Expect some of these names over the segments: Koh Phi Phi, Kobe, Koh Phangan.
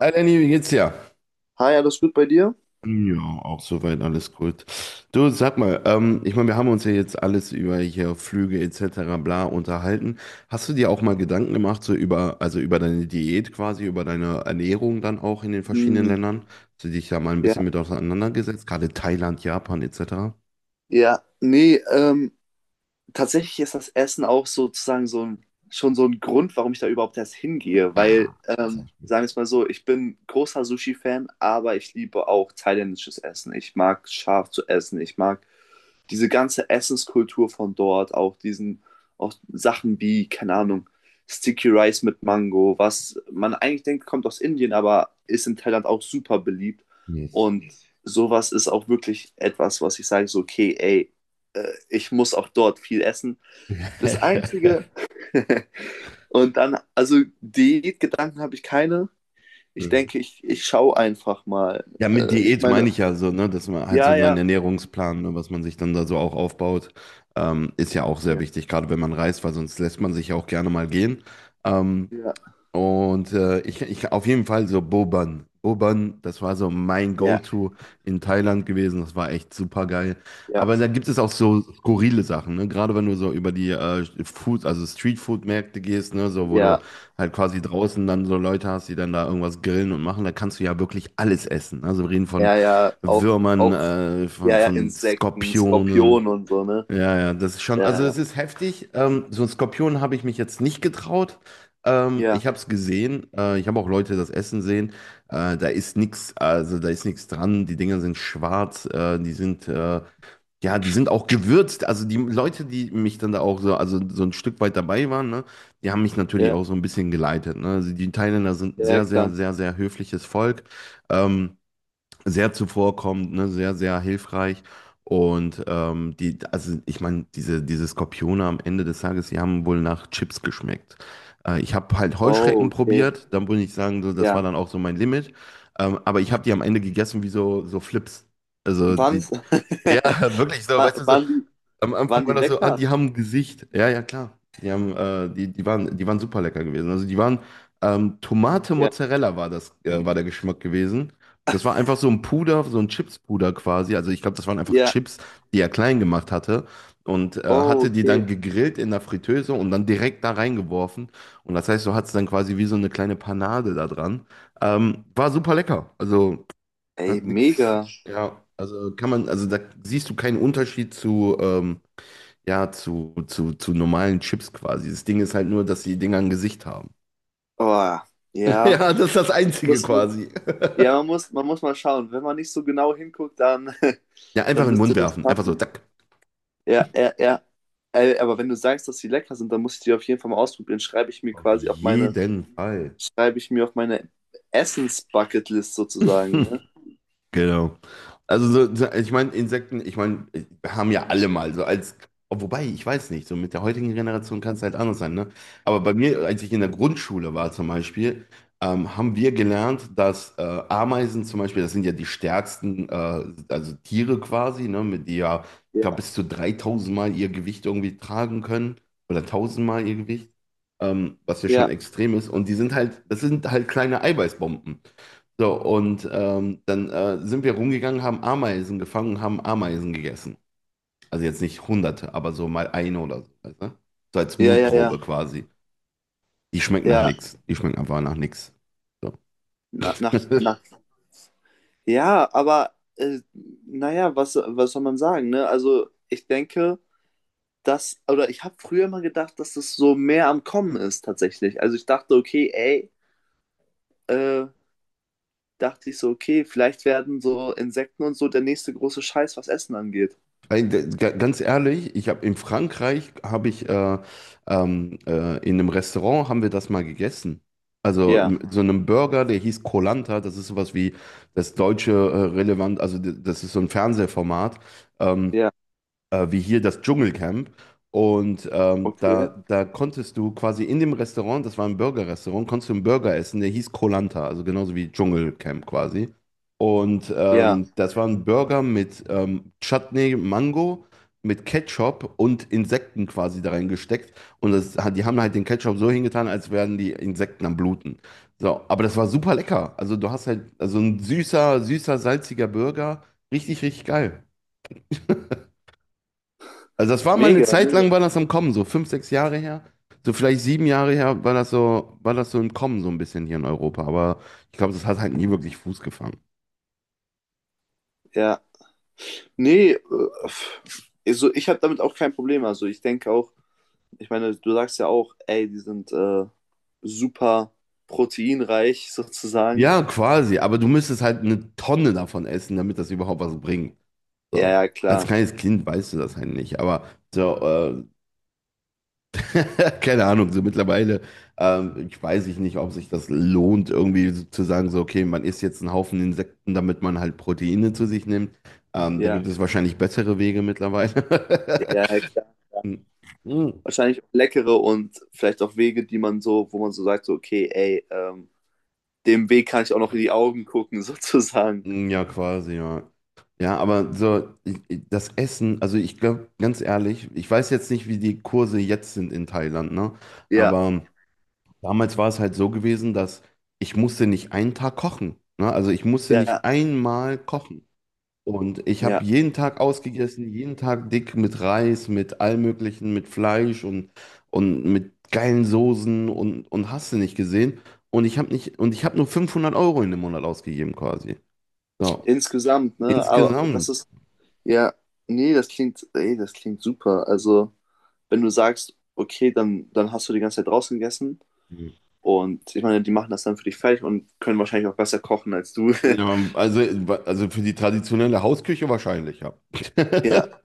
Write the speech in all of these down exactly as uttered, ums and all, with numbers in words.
Hi Lenny, wie geht's dir? Hi, alles gut bei dir? Ja, auch soweit alles gut. Du, sag mal, ähm, ich meine, wir haben uns ja jetzt alles über hier Flüge et cetera bla unterhalten. Hast du dir auch mal Gedanken gemacht, so über, also über deine Diät quasi, über deine Ernährung dann auch in den verschiedenen Hm, Ländern? Hast du dich da mal ein ja, bisschen mit auseinandergesetzt, gerade Thailand, Japan et cetera? ja, nee, ähm, tatsächlich ist das Essen auch sozusagen so ein, schon so ein Grund, warum ich da überhaupt erst hingehe, weil, Ah, ähm, sag ich sagen wir es mal so, ich bin großer Sushi-Fan, aber ich liebe auch thailändisches Essen. Ich mag scharf zu essen, ich mag diese ganze Essenskultur von dort, auch diesen, auch Sachen wie, keine Ahnung, Sticky Rice mit Mango, was man eigentlich denkt, kommt aus Indien, aber ist in Thailand auch super beliebt. nicht. Und sowas ist auch wirklich etwas, was ich sage, so, okay, ey, äh, ich muss auch dort viel essen. Das Einzige. und dann, also Diätgedanken habe ich keine. Ich Mhm. denke, ich, ich schaue einfach mal. Ja, mit Äh, ich Diät meine meine, ich ja so, ne, dass man halt so ja, seinen ja, Ernährungsplan, ne, was man sich dann da so auch aufbaut, ähm, ist ja auch sehr ja, wichtig, gerade wenn man reist, weil sonst lässt man sich ja auch gerne mal gehen. Ähm, ja, und äh, ich, ich auf jeden Fall so Boban. Boban, das war so mein ja, Go-To in Thailand gewesen. Das war echt super geil. ja, Aber da gibt es auch so skurrile Sachen, ne? Gerade wenn du so über die äh, Food, also Streetfood-Märkte gehst, ne? So, wo du ja, halt quasi draußen dann so Leute hast, die dann da irgendwas grillen und machen, da kannst du ja wirklich alles essen. Also wir reden von ja, ja, auch, Würmern, auch, äh, von, ja, ja, von Insekten, Skorpionen. Skorpion und so, ne? Ja, ja, das ist schon, also Ja, ja, es ist heftig. Ähm, so ein Skorpion habe ich mich jetzt nicht getraut. Ähm, ja, Ich habe es gesehen. Äh, ich habe auch Leute das Essen sehen. Äh, da ist nichts, also da ist nichts dran. Die Dinger sind schwarz. Äh, die sind, äh, ja, die sind auch gewürzt. Also die Leute, die mich dann da auch so, also so ein Stück weit dabei waren, ne, die haben mich natürlich auch so ein bisschen geleitet. Ne? Also die Thailänder sind ein ja, ja, sehr, sehr, klar. sehr, sehr höfliches Volk. Ähm, Sehr zuvorkommend, ne, sehr, sehr hilfreich. Und ähm, die, also ich meine, diese, diese Skorpione am Ende des Tages, die haben wohl nach Chips geschmeckt. Äh, ich habe halt Oh, Heuschrecken okay, probiert, dann würde ich sagen, so, das war ja. dann auch so mein Limit. Ähm, aber ich habe die am Ende gegessen wie so, so Flips. Also die, Waren's, ja, wirklich so, wa- weißt du, so, waren die, am Anfang waren war die das so, ah, lecker? die haben ein Gesicht. Ja, ja, klar. Die haben, äh, die, die waren, die waren super lecker gewesen. Also die waren, ähm, Tomate Ja, Mozzarella war das, äh, war der Geschmack gewesen. Das war einfach so ein Puder, so ein Chips-Puder quasi. Also ich glaube, das waren einfach ja, Chips, die er klein gemacht hatte. Und äh, oh, hatte die dann okay. gegrillt in der Fritteuse und dann direkt da reingeworfen. Und das heißt, so hat es dann quasi wie so eine kleine Panade da dran. Ähm, war super lecker. Also Ey, hat nichts, mega. ja, also kann man, also da siehst du keinen Unterschied zu, ähm, ja, zu, zu, zu normalen Chips quasi. Das Ding ist halt nur, dass die Dinger ein Gesicht haben. Oh, ja. Ja, das ist das Einzige Muss man, quasi. ja, man muss, man muss mal schauen. Wenn man nicht so genau hinguckt, dann, Ja, einfach dann in den Mund müsste das werfen. Einfach so, passen. zack. Ja, ja, ja. Äh, aber wenn du sagst, dass sie lecker sind, dann muss ich die auf jeden Fall mal ausprobieren. Schreibe ich mir Auf quasi auf meine, jeden Fall. schreibe ich mir auf meine Essens-Bucketlist sozusagen, ne? Genau. Also so, so- ich meine, Insekten, ich meine, wir haben ja alle mal so als, oh, wobei, ich weiß nicht, so mit der heutigen Generation kann es halt anders sein, ne? Aber bei mir, als ich in der Grundschule war zum Beispiel, ähm, haben wir gelernt, dass äh, Ameisen zum Beispiel, das sind ja die stärksten, äh, also Tiere quasi, ne, mit die ja, ich glaube, Ja, bis zu dreitausend Mal ihr Gewicht irgendwie tragen können oder tausend Mal ihr Gewicht, ähm, was ja schon ja, extrem ist. Und die sind halt, das sind halt kleine Eiweißbomben. So, und ähm, dann äh, sind wir rumgegangen, haben Ameisen gefangen und haben Ameisen gegessen. Also jetzt nicht hunderte, aber so mal eine oder so. Weißt du? So als ja, ja, Mutprobe ja, quasi. Die schmeckt nach ja, nichts. Die schmeckt einfach nach nichts. So. na, nach, nach, ja, aber, äh, naja, was, was soll man sagen, ne? Also, ich denke, das, oder ich habe früher mal gedacht, dass das so mehr am Kommen ist tatsächlich. Also ich dachte, okay, ey, äh, dachte ich so, okay, vielleicht werden so Insekten und so der nächste große Scheiß, was Essen angeht. Ey, d- ga- Ganz ehrlich, ich habe in Frankreich habe ich äh, ähm, äh, in einem Restaurant haben wir das mal gegessen. Also Ja, m- so einem Burger, der hieß Koh-Lanta, das ist sowas wie das deutsche äh, relevant, also d- das ist so ein Fernsehformat. Ähm, ja, äh, Wie hier das Dschungelcamp. Und ähm, okay. da, da konntest du quasi in dem Restaurant, das war ein Burger-Restaurant, konntest du einen Burger essen, der hieß koh, also genauso wie Dschungelcamp quasi. Und Ja, ähm, das war ein Burger mit ähm, Chutney, Mango, mit Ketchup und Insekten quasi da reingesteckt. Und das, hat- die haben halt den Ketchup so hingetan, als wären die Insekten am Bluten. So, aber das war super lecker. Also du hast halt, also ein süßer, süßer, salziger Burger. Richtig, richtig geil. Also das war mal eine mega, Zeit mega. lang, war das am Kommen, so fünf, sechs Jahre her. So vielleicht sieben Jahre her war das so, war das so im Kommen, so ein bisschen hier in Europa. Aber ich glaube, das hat halt nie wirklich Fuß gefangen. Ja, nee, äh, pff, also ich habe damit auch kein Problem. Also ich denke auch, ich meine, du sagst ja auch, ey, die sind äh, super proteinreich sozusagen. Ja, quasi, aber du müsstest halt eine Tonne davon essen, damit das überhaupt was bringt. Ja, So. ja, Als klar. kleines Kind weißt du das halt nicht. Aber so, äh, keine Ahnung, so mittlerweile, ähm, ich weiß ich nicht, ob sich das lohnt, irgendwie so zu sagen, so, okay, man isst jetzt einen Haufen Insekten, damit man halt Proteine zu sich nimmt. Ähm, da gibt Ja, es wahrscheinlich bessere Wege mittlerweile. ja, ja, klar. Mm, Wahrscheinlich leckere und vielleicht auch Wege, die man so, wo man so sagt, so, okay, ey, ähm, dem Weg kann ich auch noch in die Augen gucken, sozusagen. mm, ja, quasi, ja. Ja, aber so, ich- ich- das Essen, also ich glaube, ganz ehrlich, ich weiß jetzt nicht, wie die Kurse jetzt sind in Thailand, ne? Ja, Aber damals war es halt so gewesen, dass ich musste nicht einen Tag kochen, ne? Also ich musste ja, nicht einmal kochen. Und ich habe ja. jeden Tag ausgegessen, jeden Tag dick mit Reis, mit allem Möglichen, mit Fleisch und, und mit geilen Soßen und, und hast du nicht gesehen. Und ich habe nicht, und ich habe nur fünfhundert Euro in dem Monat ausgegeben quasi. So, Insgesamt, ne? Aber das insgesamt. ist, ja, nee, das klingt, ey, das klingt super. Also, wenn du sagst, okay, dann, dann hast du die ganze Zeit draußen gegessen und ich meine, die machen das dann für dich fertig und können wahrscheinlich auch besser kochen als du. Ja, also, also für die traditionelle Hausküche wahrscheinlich, ja. Ja.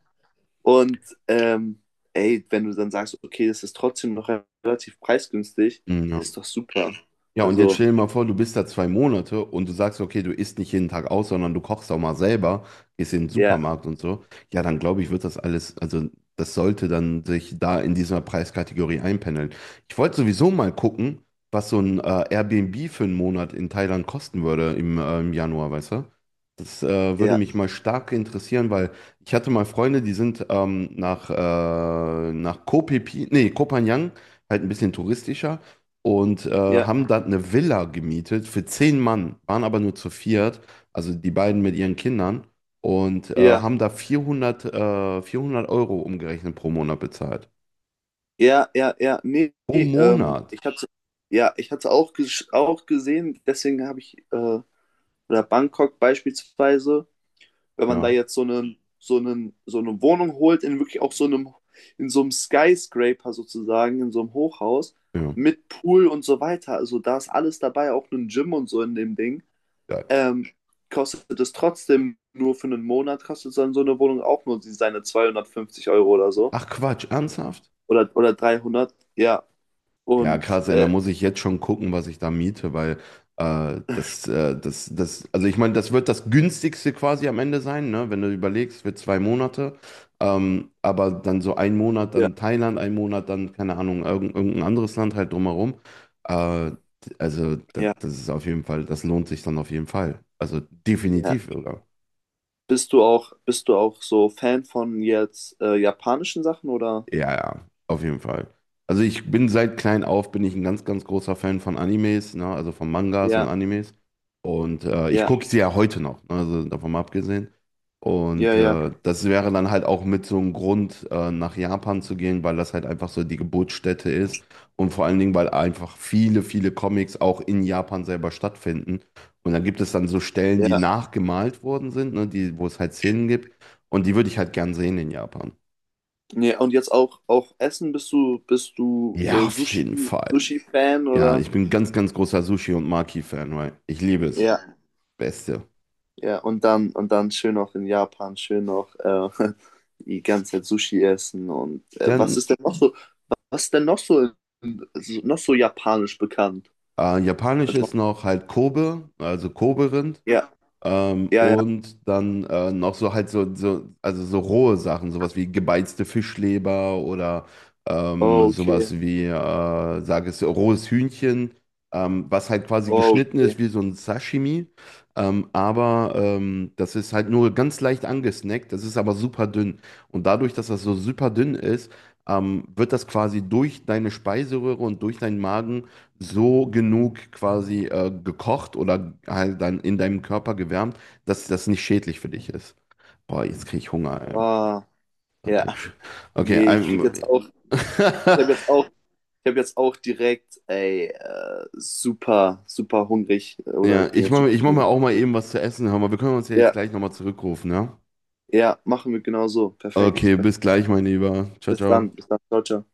Und ähm, ey, wenn du dann sagst, okay, das ist trotzdem noch relativ preisgünstig, Ja. ist doch super. Ja, und jetzt Also, stell dir mal vor, du bist da zwei Monate und du sagst, okay, du isst nicht jeden Tag aus, sondern du kochst auch mal selber, gehst in den ja, Supermarkt und so. Ja, dann glaube ich, wird das alles, also das sollte dann sich da in dieser Preiskategorie einpendeln. Ich wollte sowieso mal gucken, was so ein äh, Airbnb für einen Monat in Thailand kosten würde im, äh, im Januar, weißt du? Das äh, würde ja, mich mal stark interessieren, weil ich hatte mal Freunde, die sind ähm, nach, äh, nach Koh Phi Phi, nee, Koh Phangan, halt ein bisschen touristischer und äh, ja, haben dann eine Villa gemietet für zehn Mann, waren aber nur zu viert, also die beiden mit ihren Kindern und äh, ja, haben da vierhundert äh, vierhundert Euro umgerechnet pro Monat bezahlt. ja, ja, ja, nee, Pro nee, ähm, Monat? ich hatte, ja, ich hatte auch, ges- auch gesehen, deswegen habe ich, äh, oder Bangkok beispielsweise, wenn man da Ja, jetzt so einen, so einen, so eine Wohnung holt, in wirklich auch so einem, in so einem Skyscraper sozusagen, in so einem Hochhaus, ja, mit Pool und so weiter, also da ist alles dabei, auch ein Gym und so in dem Ding. geil. ähm, kostet es trotzdem nur für einen Monat, kostet dann so eine Wohnung auch nur seine zweihundertfünfzig Euro oder so. Ach Quatsch, ernsthaft? Oder, oder dreihundert, ja. Ja, Und krass, ey, da äh, muss ich jetzt schon gucken, was ich da miete, weil äh, das, äh, das, das, also ich meine, das wird das günstigste quasi am Ende sein, ne? Wenn du überlegst, für zwei Monate, ähm, aber dann so ein Monat ja, dann Thailand, ein Monat dann, keine Ahnung, irgend, irgendein anderes Land halt drumherum. Äh, also das, ja, das ist auf jeden Fall, das lohnt sich dann auf jeden Fall. Also ja. definitiv, Bist du auch, bist du auch so Fan von jetzt äh, japanischen Sachen oder? ja, ja, auf jeden Fall. Also ich bin seit klein auf, bin ich ein ganz, ganz großer Fan von Animes, ne? Also von Mangas und Ja, Animes. Und äh, ich ja, gucke sie ja heute noch, ne? Also davon mal abgesehen. ja, Und ja, äh, das wäre dann halt auch mit so einem Grund, äh, nach Japan zu gehen, weil das halt einfach so die Geburtsstätte ist. Und vor allen Dingen, weil einfach viele, viele Comics auch in Japan selber stattfinden. Und dann gibt es dann so Stellen, die ja. nachgemalt worden sind, ne? Die, wo es halt Szenen gibt. Und die würde ich halt gern sehen in Japan. Nee, und jetzt auch, auch Essen, bist du, bist du Ja, äh, auf Sushi, jeden Fall. Sushi-Fan Ja, oder? ich bin ganz, ganz großer Sushi- und Maki-Fan, weil ich liebe es. Ja. Beste. Ja, und dann, und dann schön noch in Japan, schön noch äh, die ganze Zeit Sushi essen und äh, was Dann ist denn noch so, was ist denn noch so, so- noch so japanisch bekannt? äh, japanisch Also, ist noch halt Kobe, also Kobe-Rind. ja, Ähm, ja, ja, und dann äh, noch so halt so, so, also so rohe Sachen, sowas wie gebeizte Fischleber oder ähm, oh, okay, sowas wie, äh, sag es, rohes Hühnchen, ähm, was halt quasi oh, geschnitten okay, ist wie so ein Sashimi. Ähm, aber ähm, das ist halt nur ganz leicht angesnackt, das ist aber super dünn. Und dadurch, dass das so super dünn ist, ähm, wird das quasi durch deine Speiseröhre und durch deinen Magen so genug quasi äh, gekocht oder halt dann in deinem Körper gewärmt, dass das nicht schädlich für dich ist. Boah, jetzt kriege ich Hunger, ey. ah, ja, Okay, nee, ich krieg ähm, jetzt auch, ich habe jetzt auch, ich habe jetzt auch direkt, ey, äh, super, super hungrig, oder ich ja, bin ich jetzt mache super ich mach hungrig. mir auch mal eben was zu essen. Hör mal, wir können uns ja jetzt Ja, gleich nochmal zurückrufen, ja? ja, machen wir genau so, perfekt, Okay, perfekt. bis gleich, mein Lieber. Ciao, Bis dann, ciao. bis dann, ciao, ciao.